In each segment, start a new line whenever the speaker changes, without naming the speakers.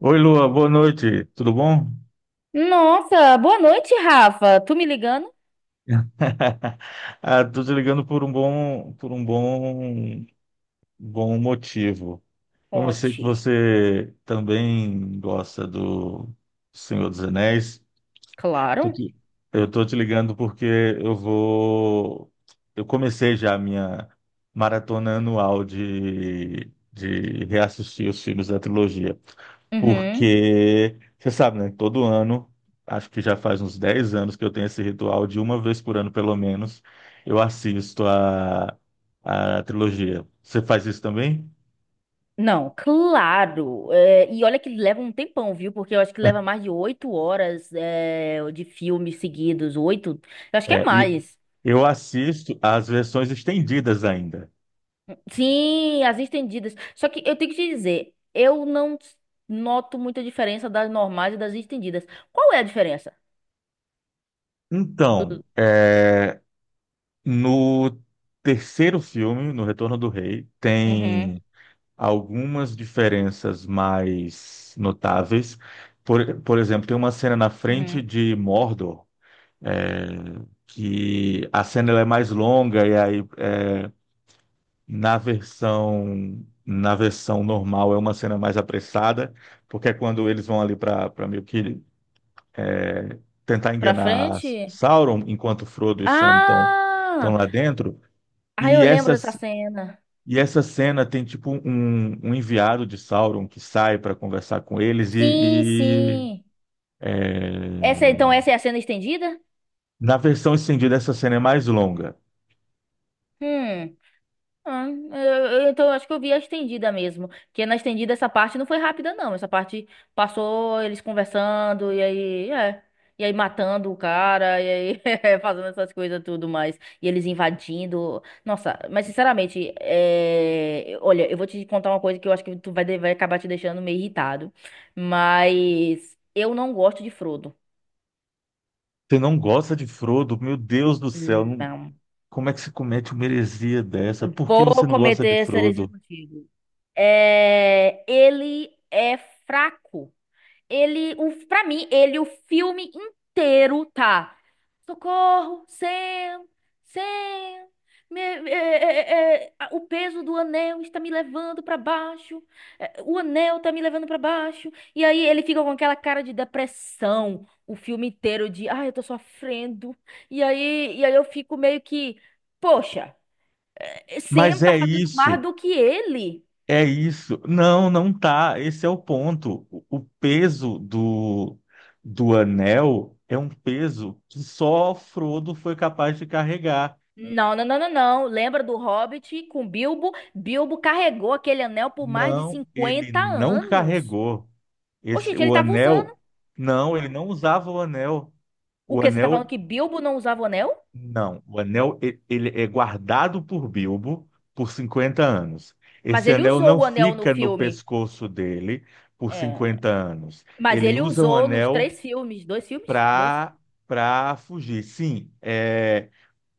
Oi, Lua, boa noite. Tudo bom?
Nossa, boa noite, Rafa. Tu me ligando?
Ah, tô te ligando por um bom motivo. Como eu sei que
Conte.
você também gosta do Senhor dos Anéis. Tô
Claro.
te- Eu tô te ligando porque eu vou. Eu comecei já a minha maratona anual de reassistir os filmes da trilogia.
Uhum.
Porque, você sabe, né? Todo ano, acho que já faz uns 10 anos que eu tenho esse ritual de uma vez por ano, pelo menos, eu assisto a trilogia. Você faz isso também?
Não, claro. É, e olha que leva um tempão, viu? Porque eu acho que leva mais de 8 horas de filmes seguidos. Oito? Eu acho que
É,
é
e
mais.
eu assisto as versões estendidas ainda.
Sim, as estendidas. Só que eu tenho que te dizer, eu não noto muita diferença das normais e das estendidas. Qual é a diferença?
Então,
Do-
no terceiro filme, no Retorno do Rei,
Uhum,
tem algumas diferenças mais notáveis. Por exemplo, tem uma cena na frente
uhum.
de Mordor, é, que a cena ela é mais longa e aí na versão normal é uma cena mais apressada, porque é quando eles vão ali para meio que tentar
Pra
enganar
frente?
Sauron, enquanto Frodo e Sam estão
Ah!
lá dentro.
Ah, eu
E
lembro
essa
dessa cena.
E essa cena tem tipo um enviado de Sauron que sai para conversar com eles.
Sim, sim.
É,
Então essa é a cena estendida?
Na versão estendida essa cena é mais longa.
Hum. Ah, então acho que eu vi a estendida mesmo. Porque na estendida essa parte não foi rápida, não. Essa parte passou eles conversando e aí. E aí matando o cara, e aí fazendo essas coisas tudo mais. E eles invadindo. Nossa, mas sinceramente, olha, eu vou te contar uma coisa que eu acho que tu vai, vai acabar te deixando meio irritado. Mas eu não gosto de Frodo.
Você não gosta de Frodo? Meu Deus do céu,
Não.
como é que se comete uma heresia dessa? Por que
Vou
você não gosta de
cometer essa heresia
Frodo?
contigo. É, ele é fraco. Pra mim, ele, o filme inteiro tá. Socorro, Sam, Sam. Me- é, é, é, é, a- o peso do anel está me levando pra baixo. O anel tá me levando pra baixo. E aí ele fica com aquela cara de depressão o filme inteiro de, ai, eu tô sofrendo. E aí, eu fico meio que, poxa. Sam
Mas
tá
é
fazendo mais
isso,
do que ele.
é isso. Não, não tá. Esse é o ponto. O peso do anel é um peso que só Frodo foi capaz de carregar.
Não, não, não, não, não. Lembra do Hobbit com Bilbo? Bilbo carregou aquele anel por mais de
Não, ele
50
não
anos.
carregou.
Ô,
Esse,
gente, ele
o
tava usando.
anel, não, ele não usava o anel.
O
O
quê? Você tá falando
anel,
que Bilbo não usava o anel?
não, ele é guardado por Bilbo por 50 anos.
Mas
Esse
ele
anel
usou
não
o anel no
fica no
filme.
pescoço dele por
É.
50 anos.
Mas
Ele
ele
usa um
usou nos
anel
três filmes. Dois filmes? Dois.
para para fugir. Sim,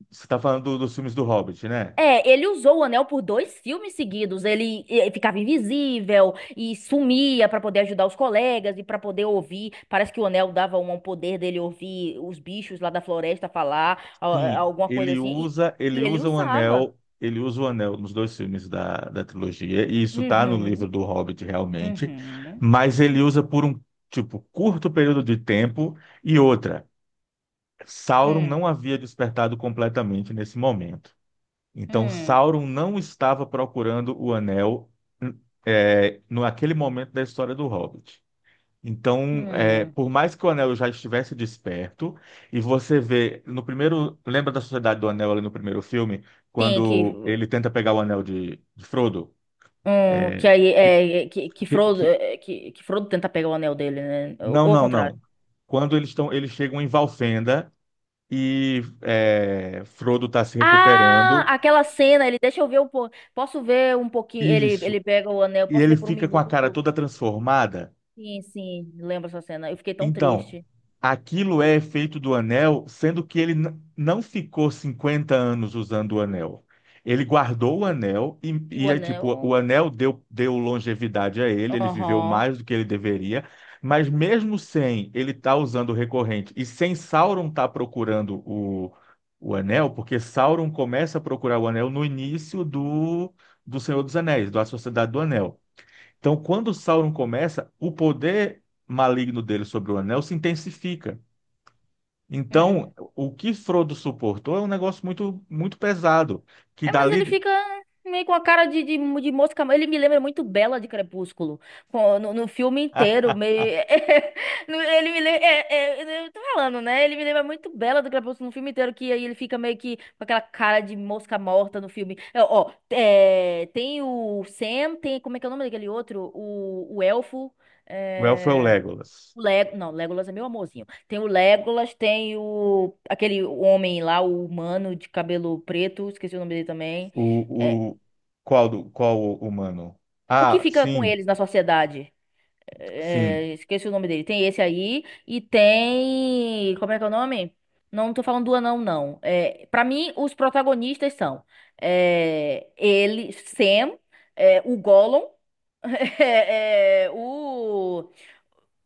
você está falando dos filmes do Hobbit, né?
É, ele usou o anel por dois filmes seguidos. Ele, ficava invisível e sumia pra poder ajudar os colegas e pra poder ouvir. Parece que o anel dava um poder dele ouvir os bichos lá da floresta falar,
Sim,
alguma coisa assim. E, e ele usava.
ele usa o anel nos dois filmes da trilogia, e isso tá no livro
Uhum,
do Hobbit realmente,
uhum,
mas ele usa por um, tipo, curto período de tempo e outra, Sauron
hum,
não havia despertado completamente nesse momento. Então
hum,
Sauron não estava procurando o anel, no aquele momento da história do Hobbit. Então,
hum.
por mais que o anel já estivesse desperto, e você vê no primeiro. Lembra da Sociedade do Anel ali no primeiro filme,
Sim,
quando ele tenta pegar o anel de Frodo? É,
que aí que
que, que-
Frodo,
que-
que Frodo tenta pegar o anel dele, né? Ou,
não,
ou ao
não,
contrário.
não. Quando eles chegam em Valfenda e Frodo está se
Ah,
recuperando.
aquela cena, ele deixa eu ver um pouco. Posso ver um pouquinho? Ele,
Isso.
ele pega o anel,
E
posso
ele
ver por um
fica com a
minuto?
cara toda transformada.
Sim, sim, lembro essa cena. Eu fiquei tão
Então,
triste.
aquilo é efeito do anel, sendo que ele não ficou 50 anos usando o anel. Ele guardou o anel
E
e,
o
e é tipo, o
anel?
anel deu longevidade a ele, ele viveu
Aham.
mais do que ele deveria, mas mesmo sem ele tá usando o recorrente e sem Sauron tá procurando o anel, porque Sauron começa a procurar o anel no início do Senhor dos Anéis, da Sociedade do Anel. Então, quando Sauron começa, o poder maligno dele sobre o anel se intensifica.
Hum.
Então, o que Frodo suportou é um negócio muito, muito pesado. Que
É, mas ele
dali.
fica meio com a cara de mosca. Ele me lembra muito Bela de Crepúsculo. No filme
Ah,
inteiro, meio. Ele me lembra. Eu tô falando, né? Ele me lembra muito Bela do Crepúsculo no filme inteiro, que aí ele fica meio que com aquela cara de mosca morta no filme. Ó, tem o Sam, tem. Como é que é o nome daquele outro? O Elfo.
o elfo é o
é,
Legolas.
Não, Legolas é meu amorzinho. Tem o Legolas, aquele homem lá, o humano de cabelo preto. Esqueci o nome dele também. É,
O, o... Qual o humano?
O que
Ah,
fica com
sim,
eles na sociedade?
sim.
Esqueci o nome dele. Tem esse aí e tem... Como é que é o nome? Não, não tô falando do anão, não. Pra mim, os protagonistas são... Ele, Sam, o Gollum, é, é, o...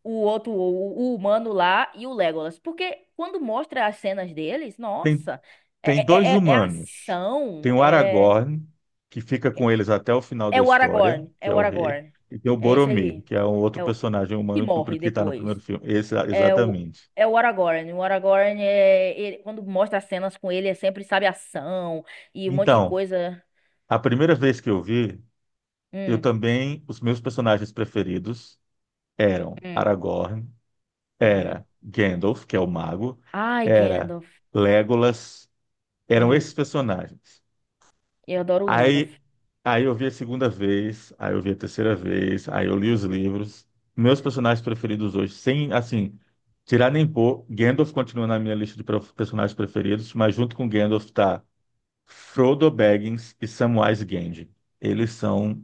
o outro, o humano lá e o Legolas. Porque quando mostra as cenas deles,
Tem,
nossa,
tem dois
é
humanos. Tem
ação,
o Aragorn, que fica com eles até o final
é
da
o
história,
Aragorn,
que
é
é
o
o rei.
Aragorn.
E tem o
É esse
Boromir,
aí.
que é um outro
É o
personagem
que
humano do
morre
que está no primeiro
depois.
filme. Esse,
É o
exatamente.
É o Aragorn. O Aragorn, quando mostra as cenas com ele, é sempre, sabe, ação e um monte de
Então,
coisa.
a primeira vez que eu vi, eu
Hum,
também, os meus personagens preferidos eram
hum,
Aragorn,
hum.
era Gandalf, que é o mago,
Ai,
era
Gandalf.
Legolas, eram
Hum,
esses personagens.
eu adoro o Gandalf.
Aí, aí eu vi a segunda vez, aí eu vi a terceira vez, aí eu li os livros. Meus personagens preferidos hoje, sem, assim, tirar nem pôr, Gandalf continua na minha lista de personagens preferidos, mas junto com Gandalf tá Frodo Baggins e Samwise Gamgee. Eles são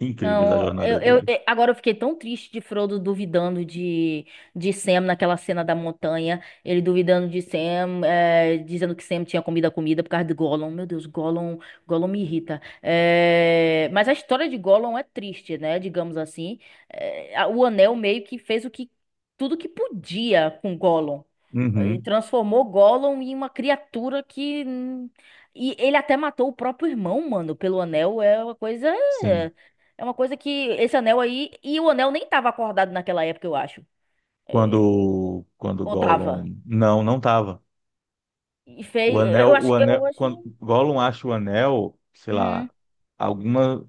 incríveis a
Não,
jornada dele.
agora eu fiquei tão triste de Frodo duvidando de Sam naquela cena da montanha. Ele duvidando de Sam, dizendo que Sam tinha comido a comida por causa de Gollum. Meu Deus, Gollum, Gollum me irrita. Mas a história de Gollum é triste, né? Digamos assim. O Anel meio que fez o que tudo que podia com Gollum.
Uhum,
Transformou Gollum em uma criatura que. E ele até matou o próprio irmão, mano, pelo anel. É uma coisa.
sim.
é, é uma coisa que esse anel aí. E o anel nem tava acordado naquela época, eu acho. É,
Quando
ou tava.
Gollum não tava.
E fez.
O
Eu
anel,
acho. Eu acho.
quando Gollum acha o anel, sei lá,
Uhum,
algumas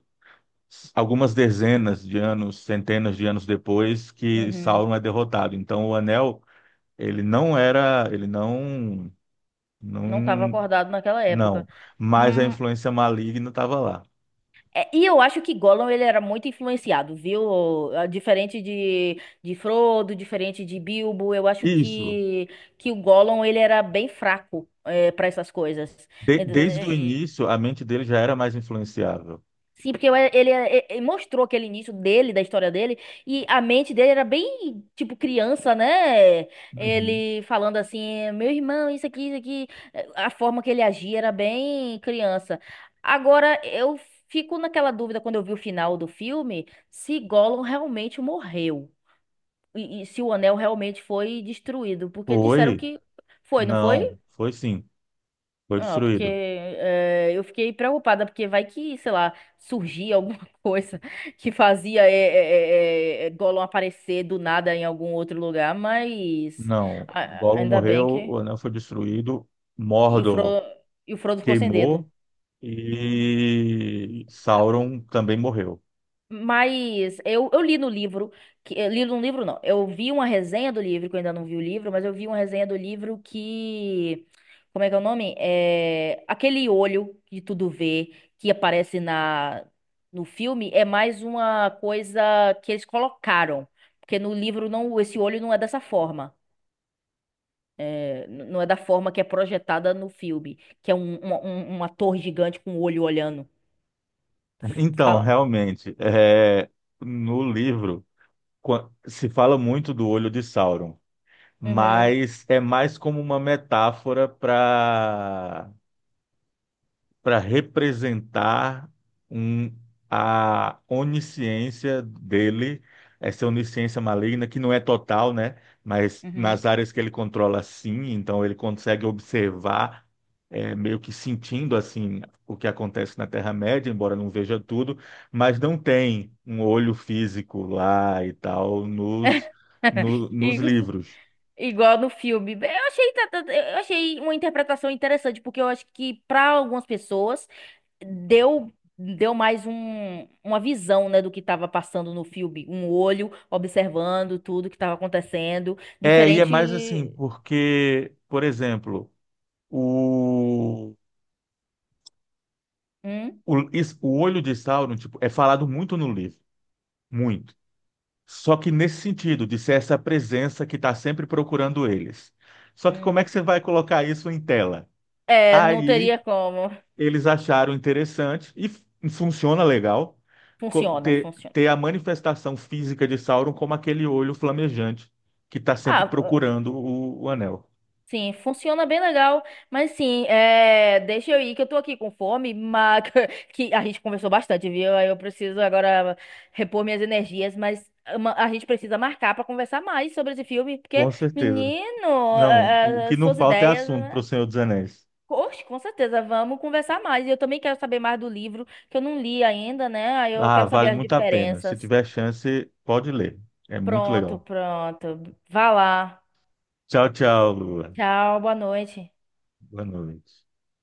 algumas dezenas de anos, centenas de anos depois que
uhum.
Sauron é derrotado. Então o anel, ele não era, ele não não
Não tava acordado naquela época.
não, mas a
Hum,
influência maligna estava lá.
e eu acho que Gollum ele era muito influenciado, viu? Ah, diferente de Frodo, diferente de Bilbo, eu acho
Isso.
que o Gollum ele era bem fraco para essas coisas.
Desde o início, a mente dele já era mais influenciável.
Sim, porque ele, mostrou aquele início dele, da história dele, e a mente dele era bem, tipo, criança, né?
Uhum.
Ele falando assim, meu irmão, isso aqui, isso aqui. A forma que ele agia era bem criança. Agora, eu fico naquela dúvida quando eu vi o final do filme, se Gollum realmente morreu. E se o anel realmente foi destruído. Porque disseram
Foi.
que foi, não foi?
Não, foi sim, foi
Ah, porque
destruído.
eu fiquei preocupada, porque vai que, sei lá, surgia alguma coisa que fazia Gollum aparecer do nada em algum outro lugar, mas
Não, Gollum
ainda bem
morreu, o
que.
anel foi destruído,
E o
Mordor
Frodo, e o Frodo ficou sem dedo.
queimou e Sauron também morreu.
Mas eu li no livro, que, eu li no livro não, eu vi uma resenha do livro, que eu ainda não vi o livro, mas eu vi uma resenha do livro que, como é que é o nome? É, aquele olho que tudo vê, que aparece no filme, é mais uma coisa que eles colocaram, porque no livro não, esse olho não é dessa forma. Não é da forma que é projetada no filme, que é uma torre gigante com o olho olhando.
Então,
Fala-
realmente, no livro se fala muito do olho de Sauron,
Uhum,
mas é mais como uma metáfora para representar um, a onisciência dele, essa onisciência maligna, que não é total, né? Mas
uhum.
nas áreas que ele controla, sim, então ele consegue observar, meio que sentindo assim o que acontece na Terra-média, embora não veja tudo, mas não tem um olho físico lá e tal nos, no- nos
E
livros.
igual no filme. Eu achei, uma interpretação interessante, porque eu acho que para algumas pessoas deu mais um, uma visão, né, do que estava passando no filme, um olho observando tudo que estava acontecendo,
É, e é mais assim,
diferente.
porque, por exemplo, o
Hum?
O olho de Sauron, tipo, é falado muito no livro, muito. Só que nesse sentido, de ser essa presença que está sempre procurando eles. Só que como é
Hum.
que você vai colocar isso em tela?
É, não
Aí
teria como.
eles acharam interessante e funciona legal
Funciona,
ter,
funciona.
ter a manifestação física de Sauron como aquele olho flamejante que está sempre
Ah,
procurando o anel.
sim, funciona bem legal, mas sim, deixa eu ir que eu tô aqui com fome, mas que a gente conversou bastante, viu? Aí eu preciso agora repor minhas energias, mas a gente precisa marcar pra conversar mais sobre esse filme, porque,
Com certeza.
menino,
Não, o que não
suas
falta é
ideias,
assunto para
né?
o Senhor dos Anéis.
Oxe, com certeza, vamos conversar mais. E eu também quero saber mais do livro, que eu não li ainda, né? Aí eu
Ah,
quero saber
vale
as
muito a pena. Se
diferenças.
tiver chance, pode ler. É muito
Pronto,
legal.
pronto. Vá lá.
Tchau, tchau, Lua.
Tchau, boa noite.
Boa noite.